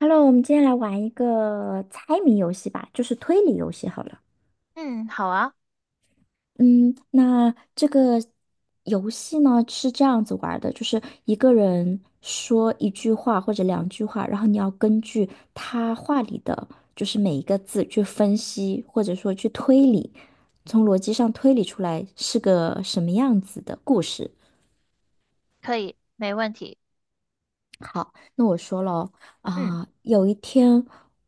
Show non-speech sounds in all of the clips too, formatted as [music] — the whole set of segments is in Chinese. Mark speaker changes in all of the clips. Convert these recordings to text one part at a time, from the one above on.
Speaker 1: Hello，我们今天来玩一个猜谜游戏吧，就是推理游戏好了。
Speaker 2: 嗯，好啊，
Speaker 1: 嗯，那这个游戏呢是这样子玩儿的，就是一个人说一句话或者两句话，然后你要根据他话里的就是每一个字去分析，或者说去推理，从逻辑上推理出来是个什么样子的故事。
Speaker 2: 可以，没问题。
Speaker 1: 那我说了
Speaker 2: 嗯，
Speaker 1: 啊、有一天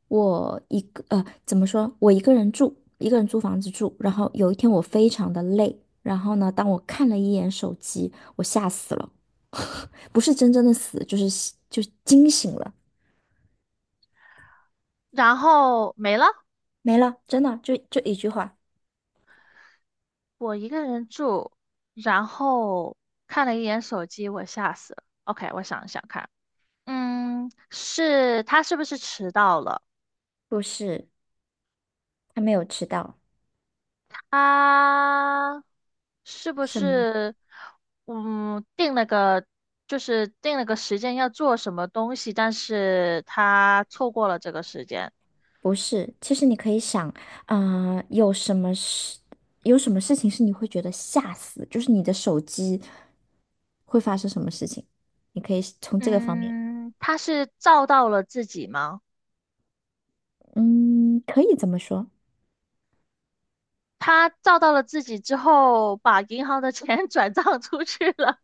Speaker 1: 我一个怎么说？我一个人住，一个人租房子住。然后有一天我非常的累，然后呢，当我看了一眼手机，我吓死了，不是真正的死，就是吓就惊醒了，
Speaker 2: 然后没了，
Speaker 1: 没了，真的就一句话，
Speaker 2: 我一个人住，然后看了一眼手机，我吓死了。OK，我想一想看，是他是不是迟到了？
Speaker 1: 不是他没有迟到。
Speaker 2: 他是不
Speaker 1: 什么？
Speaker 2: 是嗯定了个定了个时间要做什么东西，但是他错过了这个时间。
Speaker 1: 不是，其实你可以想，有什么事，有什么事情是你会觉得吓死，就是你的手机会发生什么事情，你可以从这个方面，
Speaker 2: 嗯，他是照到了自己吗？
Speaker 1: 嗯，可以这么说。
Speaker 2: 他照到了自己之后，把银行的钱 [laughs] 转账出去了。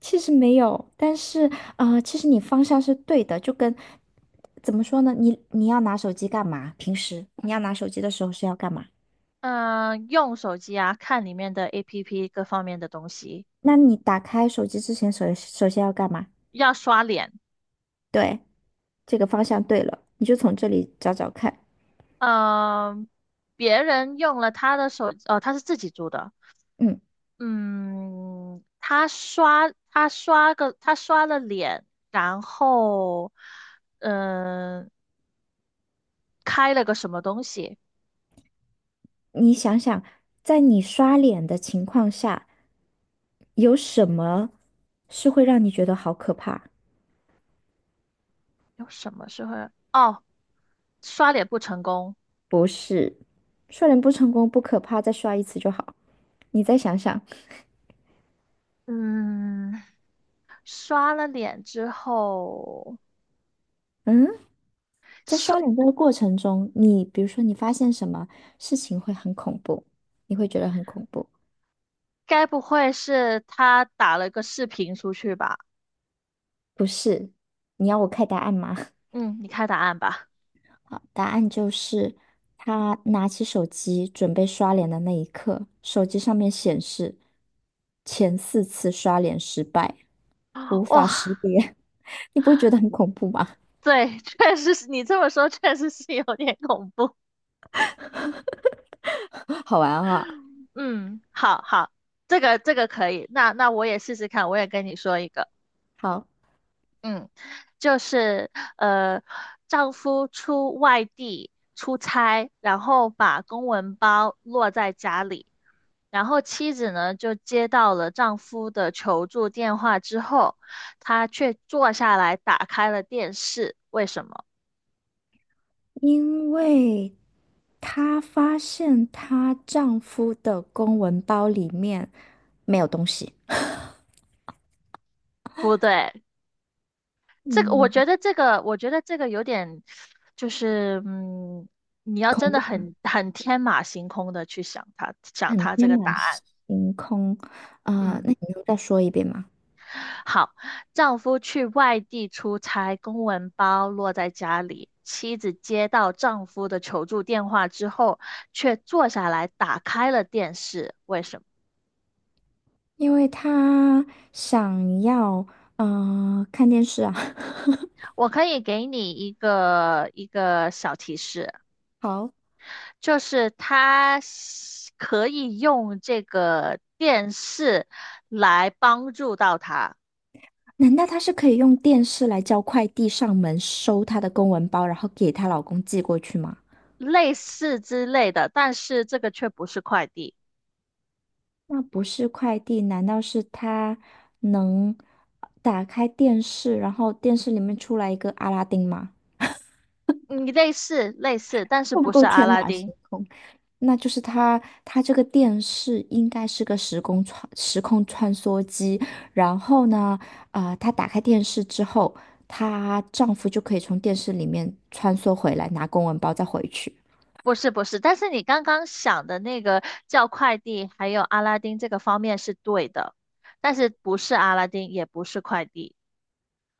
Speaker 1: 其实没有，但是其实你方向是对的，就跟怎么说呢？你要拿手机干嘛？平时你要拿手机的时候是要干嘛？
Speaker 2: 嗯，用手机啊，看里面的 APP 各方面的东西，
Speaker 1: 那你打开手机之前首先要干嘛？
Speaker 2: 要刷脸。
Speaker 1: 对，这个方向对了，你就从这里找找看。
Speaker 2: 嗯，别人用了他的手，哦，他是自己租的。
Speaker 1: 嗯。
Speaker 2: 嗯，他刷了脸，然后嗯，开了个什么东西？
Speaker 1: 你想想，在你刷脸的情况下，有什么是会让你觉得好可怕？
Speaker 2: 有什么时候？哦，刷脸不成功。
Speaker 1: 不是，刷脸不成功不可怕，再刷一次就好。你再想想，
Speaker 2: 嗯。刷了脸之后，
Speaker 1: 嗯，在
Speaker 2: 是
Speaker 1: 刷脸这个过程中，你比如说你发现什么事情会很恐怖，你会觉得很恐怖，
Speaker 2: 该不会是他打了个视频出去吧？
Speaker 1: 不是？你要我开答案吗？[laughs]
Speaker 2: 嗯，你看答案吧。
Speaker 1: 好，答案就是她拿起手机准备刷脸的那一刻，手机上面显示前四次刷脸失败，无
Speaker 2: 哇、
Speaker 1: 法识别。[laughs] 你不会觉得很恐怖吗？
Speaker 2: 对，确实是你这么说，确实是有点恐怖。
Speaker 1: [laughs] 好玩啊！
Speaker 2: 嗯，好好，这个可以。那我也试试看，我也跟你说一个。
Speaker 1: 好，
Speaker 2: 嗯，就是呃，丈夫出外地出差，然后把公文包落在家里。然后妻子呢就接到了丈夫的求助电话之后，她却坐下来打开了电视。为什么？
Speaker 1: 因为她发现她丈夫的公文包里面没有东西，
Speaker 2: 不对，这个我
Speaker 1: 嗯，
Speaker 2: 觉得这个我觉得这个有点，就是你要真
Speaker 1: 恐
Speaker 2: 的
Speaker 1: 怖，
Speaker 2: 很天马行空的去想他想
Speaker 1: 很
Speaker 2: 他这
Speaker 1: 天
Speaker 2: 个答
Speaker 1: 马
Speaker 2: 案，
Speaker 1: 行空啊，
Speaker 2: 嗯。
Speaker 1: 那你能再说一遍吗？
Speaker 2: 好，丈夫去外地出差，公文包落在家里。妻子接到丈夫的求助电话之后，却坐下来打开了电视。为什么？
Speaker 1: 因为他想要看电视啊。[laughs]
Speaker 2: 我可以给你一个小提示，
Speaker 1: 好，
Speaker 2: 就是他可以用这个电视来帮助到他，
Speaker 1: 难道她是可以用电视来叫快递上门收她的公文包，然后给她老公寄过去吗？
Speaker 2: 类似之类的，但是这个却不是快递。
Speaker 1: 那不是快递，难道是她能打开电视，然后电视里面出来一个阿拉丁吗？
Speaker 2: 你类似类似，但是
Speaker 1: 够不
Speaker 2: 不
Speaker 1: 够
Speaker 2: 是阿
Speaker 1: 天
Speaker 2: 拉
Speaker 1: 马
Speaker 2: 丁。
Speaker 1: 行空？那就是她，她这个电视应该是个时空穿梭机。然后呢，啊、她打开电视之后，她丈夫就可以从电视里面穿梭回来，拿公文包再回去。
Speaker 2: 不是不是，但是你刚刚想的那个叫快递，还有阿拉丁这个方面是对的，但是不是阿拉丁，也不是快递。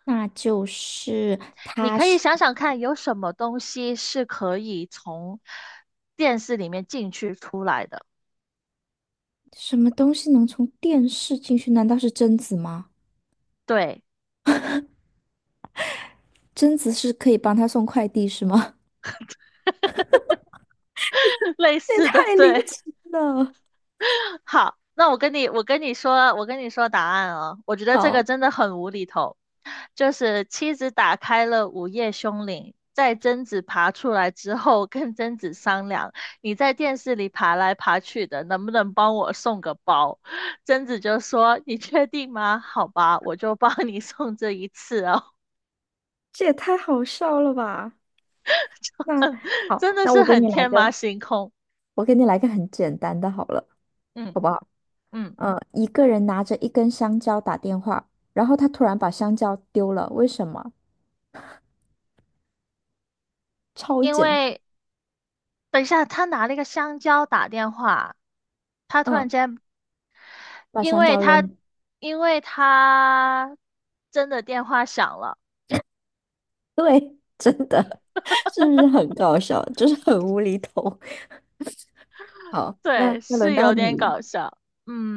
Speaker 1: 那就是
Speaker 2: 你
Speaker 1: 她
Speaker 2: 可以
Speaker 1: 是
Speaker 2: 想想看，有什么东西是可以从电视里面进去出来的？
Speaker 1: 什么东西能从电视进去？难道是贞子吗？
Speaker 2: 对，
Speaker 1: 贞子是可以帮她送快递是吗？
Speaker 2: [laughs] 类
Speaker 1: [laughs] 这也
Speaker 2: 似的，
Speaker 1: 太离
Speaker 2: 对。
Speaker 1: 奇了！
Speaker 2: [laughs] 好，那我跟你说答案哦。我觉得这个
Speaker 1: 好，
Speaker 2: 真的很无厘头，就是妻子打开了午夜凶铃，在贞子爬出来之后，跟贞子商量，你在电视里爬来爬去的，能不能帮我送个包？贞子就说：“你确定吗？好吧，我就帮你送这一次哦。
Speaker 1: 这也太好笑了吧？那
Speaker 2: [laughs]” 真
Speaker 1: 好，
Speaker 2: 的
Speaker 1: 那
Speaker 2: 是
Speaker 1: 我给
Speaker 2: 很
Speaker 1: 你来
Speaker 2: 天马
Speaker 1: 个。
Speaker 2: 行空。
Speaker 1: 我给你来个很简单的好了，
Speaker 2: 嗯
Speaker 1: 好不好？
Speaker 2: 嗯，
Speaker 1: 嗯，一个人拿着一根香蕉打电话，然后他突然把香蕉丢了，为什么？超
Speaker 2: 因
Speaker 1: 简，
Speaker 2: 为等一下，他拿了一个香蕉打电话，他突然
Speaker 1: 嗯，
Speaker 2: 间
Speaker 1: 把
Speaker 2: 因
Speaker 1: 香
Speaker 2: 为
Speaker 1: 蕉
Speaker 2: 他，
Speaker 1: 扔。
Speaker 2: 因为他真的电话响了，
Speaker 1: 对，[laughs] 真的，[laughs] 是不是很搞笑？就是很无厘头。好，那
Speaker 2: 对，
Speaker 1: 那
Speaker 2: 是
Speaker 1: 轮到
Speaker 2: 有
Speaker 1: 你
Speaker 2: 点
Speaker 1: 了。
Speaker 2: 搞笑。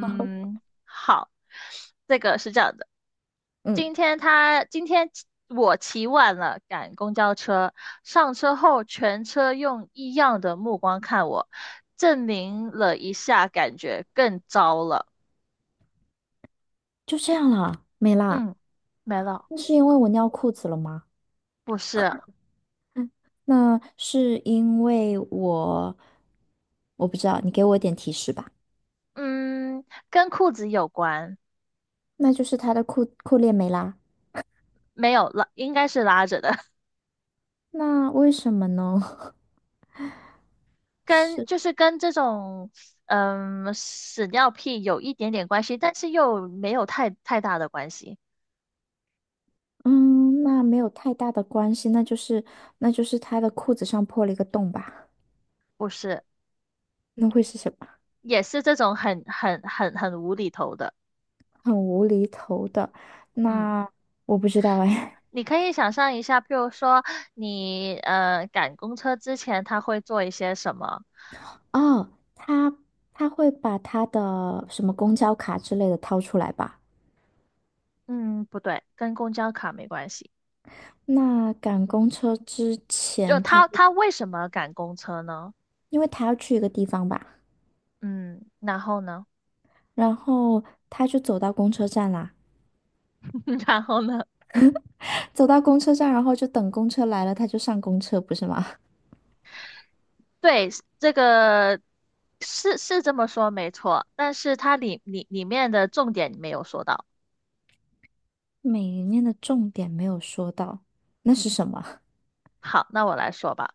Speaker 1: [laughs]
Speaker 2: 好，这个是这样的，
Speaker 1: 嗯，
Speaker 2: 今天他今天起我起晚了，赶公交车，上车后全车用异样的目光看我，证明了一下，感觉更糟了。
Speaker 1: 就这样啦，没啦。
Speaker 2: 嗯，没了，
Speaker 1: 那是因为我尿裤子了吗？
Speaker 2: 不是，
Speaker 1: 那是因为我，我不知道，你给我一点提示吧。
Speaker 2: 嗯，跟裤子有关，
Speaker 1: 那就是他的裤链没拉。
Speaker 2: 没有拉，应该是拉着的。
Speaker 1: 那为什么呢？[laughs]
Speaker 2: 跟
Speaker 1: 是，
Speaker 2: 就是跟这种屎尿屁有一点点关系，但是又没有太大的关系，
Speaker 1: 嗯，那没有太大的关系，那就是那就是他的裤子上破了一个洞吧？
Speaker 2: 不是，
Speaker 1: 那会是什么？
Speaker 2: 也是这种很无厘头的，
Speaker 1: [laughs] 很无厘头的。
Speaker 2: 嗯。
Speaker 1: 那我不知道哎。
Speaker 2: 你可以想象一下，譬如说你赶公车之前，他会做一些什么？
Speaker 1: [laughs] 哦，他他会把他的什么公交卡之类的掏出来吧？
Speaker 2: 嗯，不对，跟公交卡没关系。
Speaker 1: 那赶公车之
Speaker 2: 就
Speaker 1: 前，他
Speaker 2: 他
Speaker 1: 会，
Speaker 2: 他为什么赶公车呢？
Speaker 1: 因为他要去一个地方吧，
Speaker 2: 嗯，然后呢？
Speaker 1: 然后他就走到公车站啦，
Speaker 2: [laughs] 然后呢？
Speaker 1: [laughs] 走到公车站，然后就等公车来了，他就上公车，不是吗？
Speaker 2: 对，这个是这么说没错，但是它里面的重点你没有说到。
Speaker 1: 每一面的重点没有说到，那是什么？
Speaker 2: 好，那我来说吧，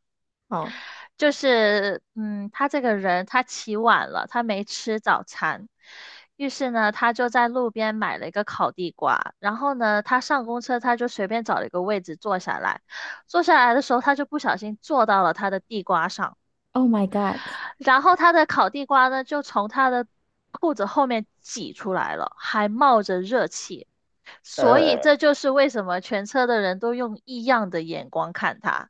Speaker 1: 哦
Speaker 2: 就是他这个人他起晚了，他没吃早餐，于是呢，他就在路边买了一个烤地瓜，然后呢，他上公车他就随便找了一个位置坐下来，坐下来的时候他就不小心坐到了他的地瓜上。
Speaker 1: ，Oh my God！
Speaker 2: 然后他的烤地瓜呢，就从他的裤子后面挤出来了，还冒着热气，所以这就是为什么全车的人都用异样的眼光看他。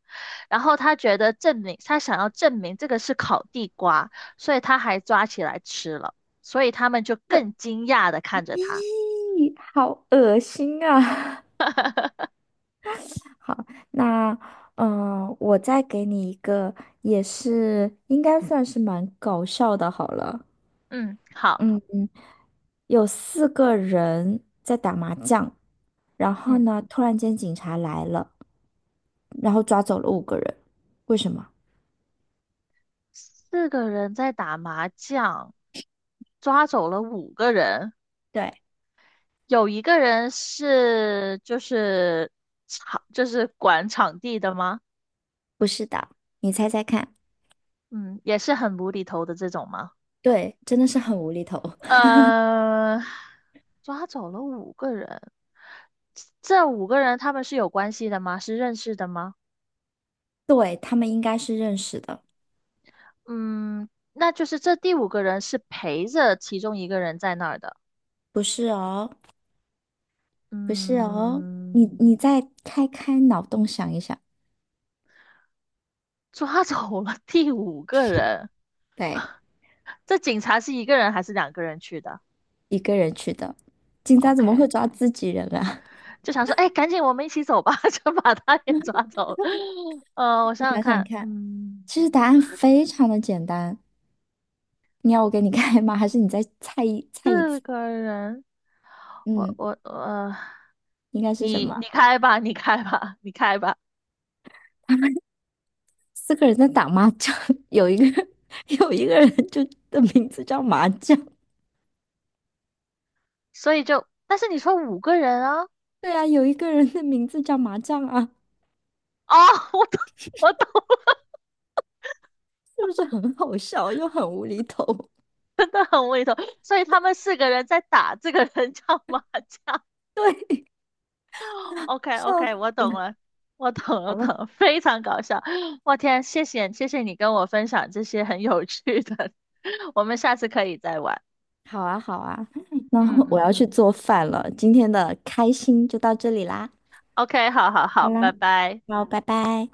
Speaker 2: 然后他觉得证明，他想要证明这个是烤地瓜，所以他还抓起来吃了，所以他们就
Speaker 1: 这
Speaker 2: 更惊讶的看着他。
Speaker 1: 咦，好恶心啊！[laughs] 好，那我再给你一个，也是应该算是蛮搞笑的，好了。
Speaker 2: 嗯，好，
Speaker 1: 嗯，有四个人在打麻将，然后
Speaker 2: 嗯，
Speaker 1: 呢，突然间警察来了，然后抓走了五个人，为什么？
Speaker 2: 四个人在打麻将，抓走了五个人。
Speaker 1: 对，
Speaker 2: 有一个人是就是场就是管场地的吗？
Speaker 1: 不是的，你猜猜看。
Speaker 2: 嗯，也是很无厘头的这种吗？
Speaker 1: 对，真的是很无厘头。
Speaker 2: 呃，抓走了五个人，这五个人他们是有关系的吗？是认识的吗？
Speaker 1: 对，他们应该是认识的，
Speaker 2: 嗯，那就是这第五个人是陪着其中一个人在那儿的。
Speaker 1: 不是哦，不是哦，
Speaker 2: 嗯，
Speaker 1: 你再开开脑洞想一想，
Speaker 2: 抓走了第五个人，
Speaker 1: 对，
Speaker 2: 这警察是一个人还是两个人去的
Speaker 1: 一个人去的，警察怎么会
Speaker 2: ？OK，
Speaker 1: 抓自己人啊？
Speaker 2: 就想说，哎，赶紧我们一起走吧，[laughs] 就把他也抓走了。我
Speaker 1: [laughs] 你
Speaker 2: 想想
Speaker 1: 想想
Speaker 2: 看，
Speaker 1: 看，其实答案非常的简单，你要我给你开吗？还是你再猜一
Speaker 2: 四
Speaker 1: 次？
Speaker 2: 个人，我
Speaker 1: 嗯，
Speaker 2: 我呃，
Speaker 1: 应该是什
Speaker 2: 你
Speaker 1: 么？
Speaker 2: 你开吧，你开吧，你开吧。
Speaker 1: 四个人在打麻将，[laughs] 有一个人 [laughs] 有一个人就的名字叫麻将，
Speaker 2: 所以就，但是你说五个人啊，
Speaker 1: 对啊，有一个人的名字叫麻将啊，
Speaker 2: 哦，[laughs] 我懂，我懂
Speaker 1: 是不是很好笑又很无厘头？[laughs]
Speaker 2: 了，很胃头。所以他们四个人在打这个人叫麻将。
Speaker 1: 对。
Speaker 2: o k o
Speaker 1: 笑
Speaker 2: k 我
Speaker 1: 死
Speaker 2: 懂
Speaker 1: 了！
Speaker 2: 了，我懂了，我
Speaker 1: 好
Speaker 2: 懂
Speaker 1: 了，
Speaker 2: 了，非常搞笑。我天，谢谢谢谢你跟我分享这些很有趣的，[laughs] 我们下次可以再玩。
Speaker 1: 好啊，好啊 [laughs]，那
Speaker 2: 嗯
Speaker 1: 我
Speaker 2: 嗯
Speaker 1: 要去
Speaker 2: 嗯
Speaker 1: 做饭了。今天的开心就到这里啦，
Speaker 2: ，OK，好好
Speaker 1: 好
Speaker 2: 好，
Speaker 1: 啦，
Speaker 2: 拜拜。
Speaker 1: 好，拜拜。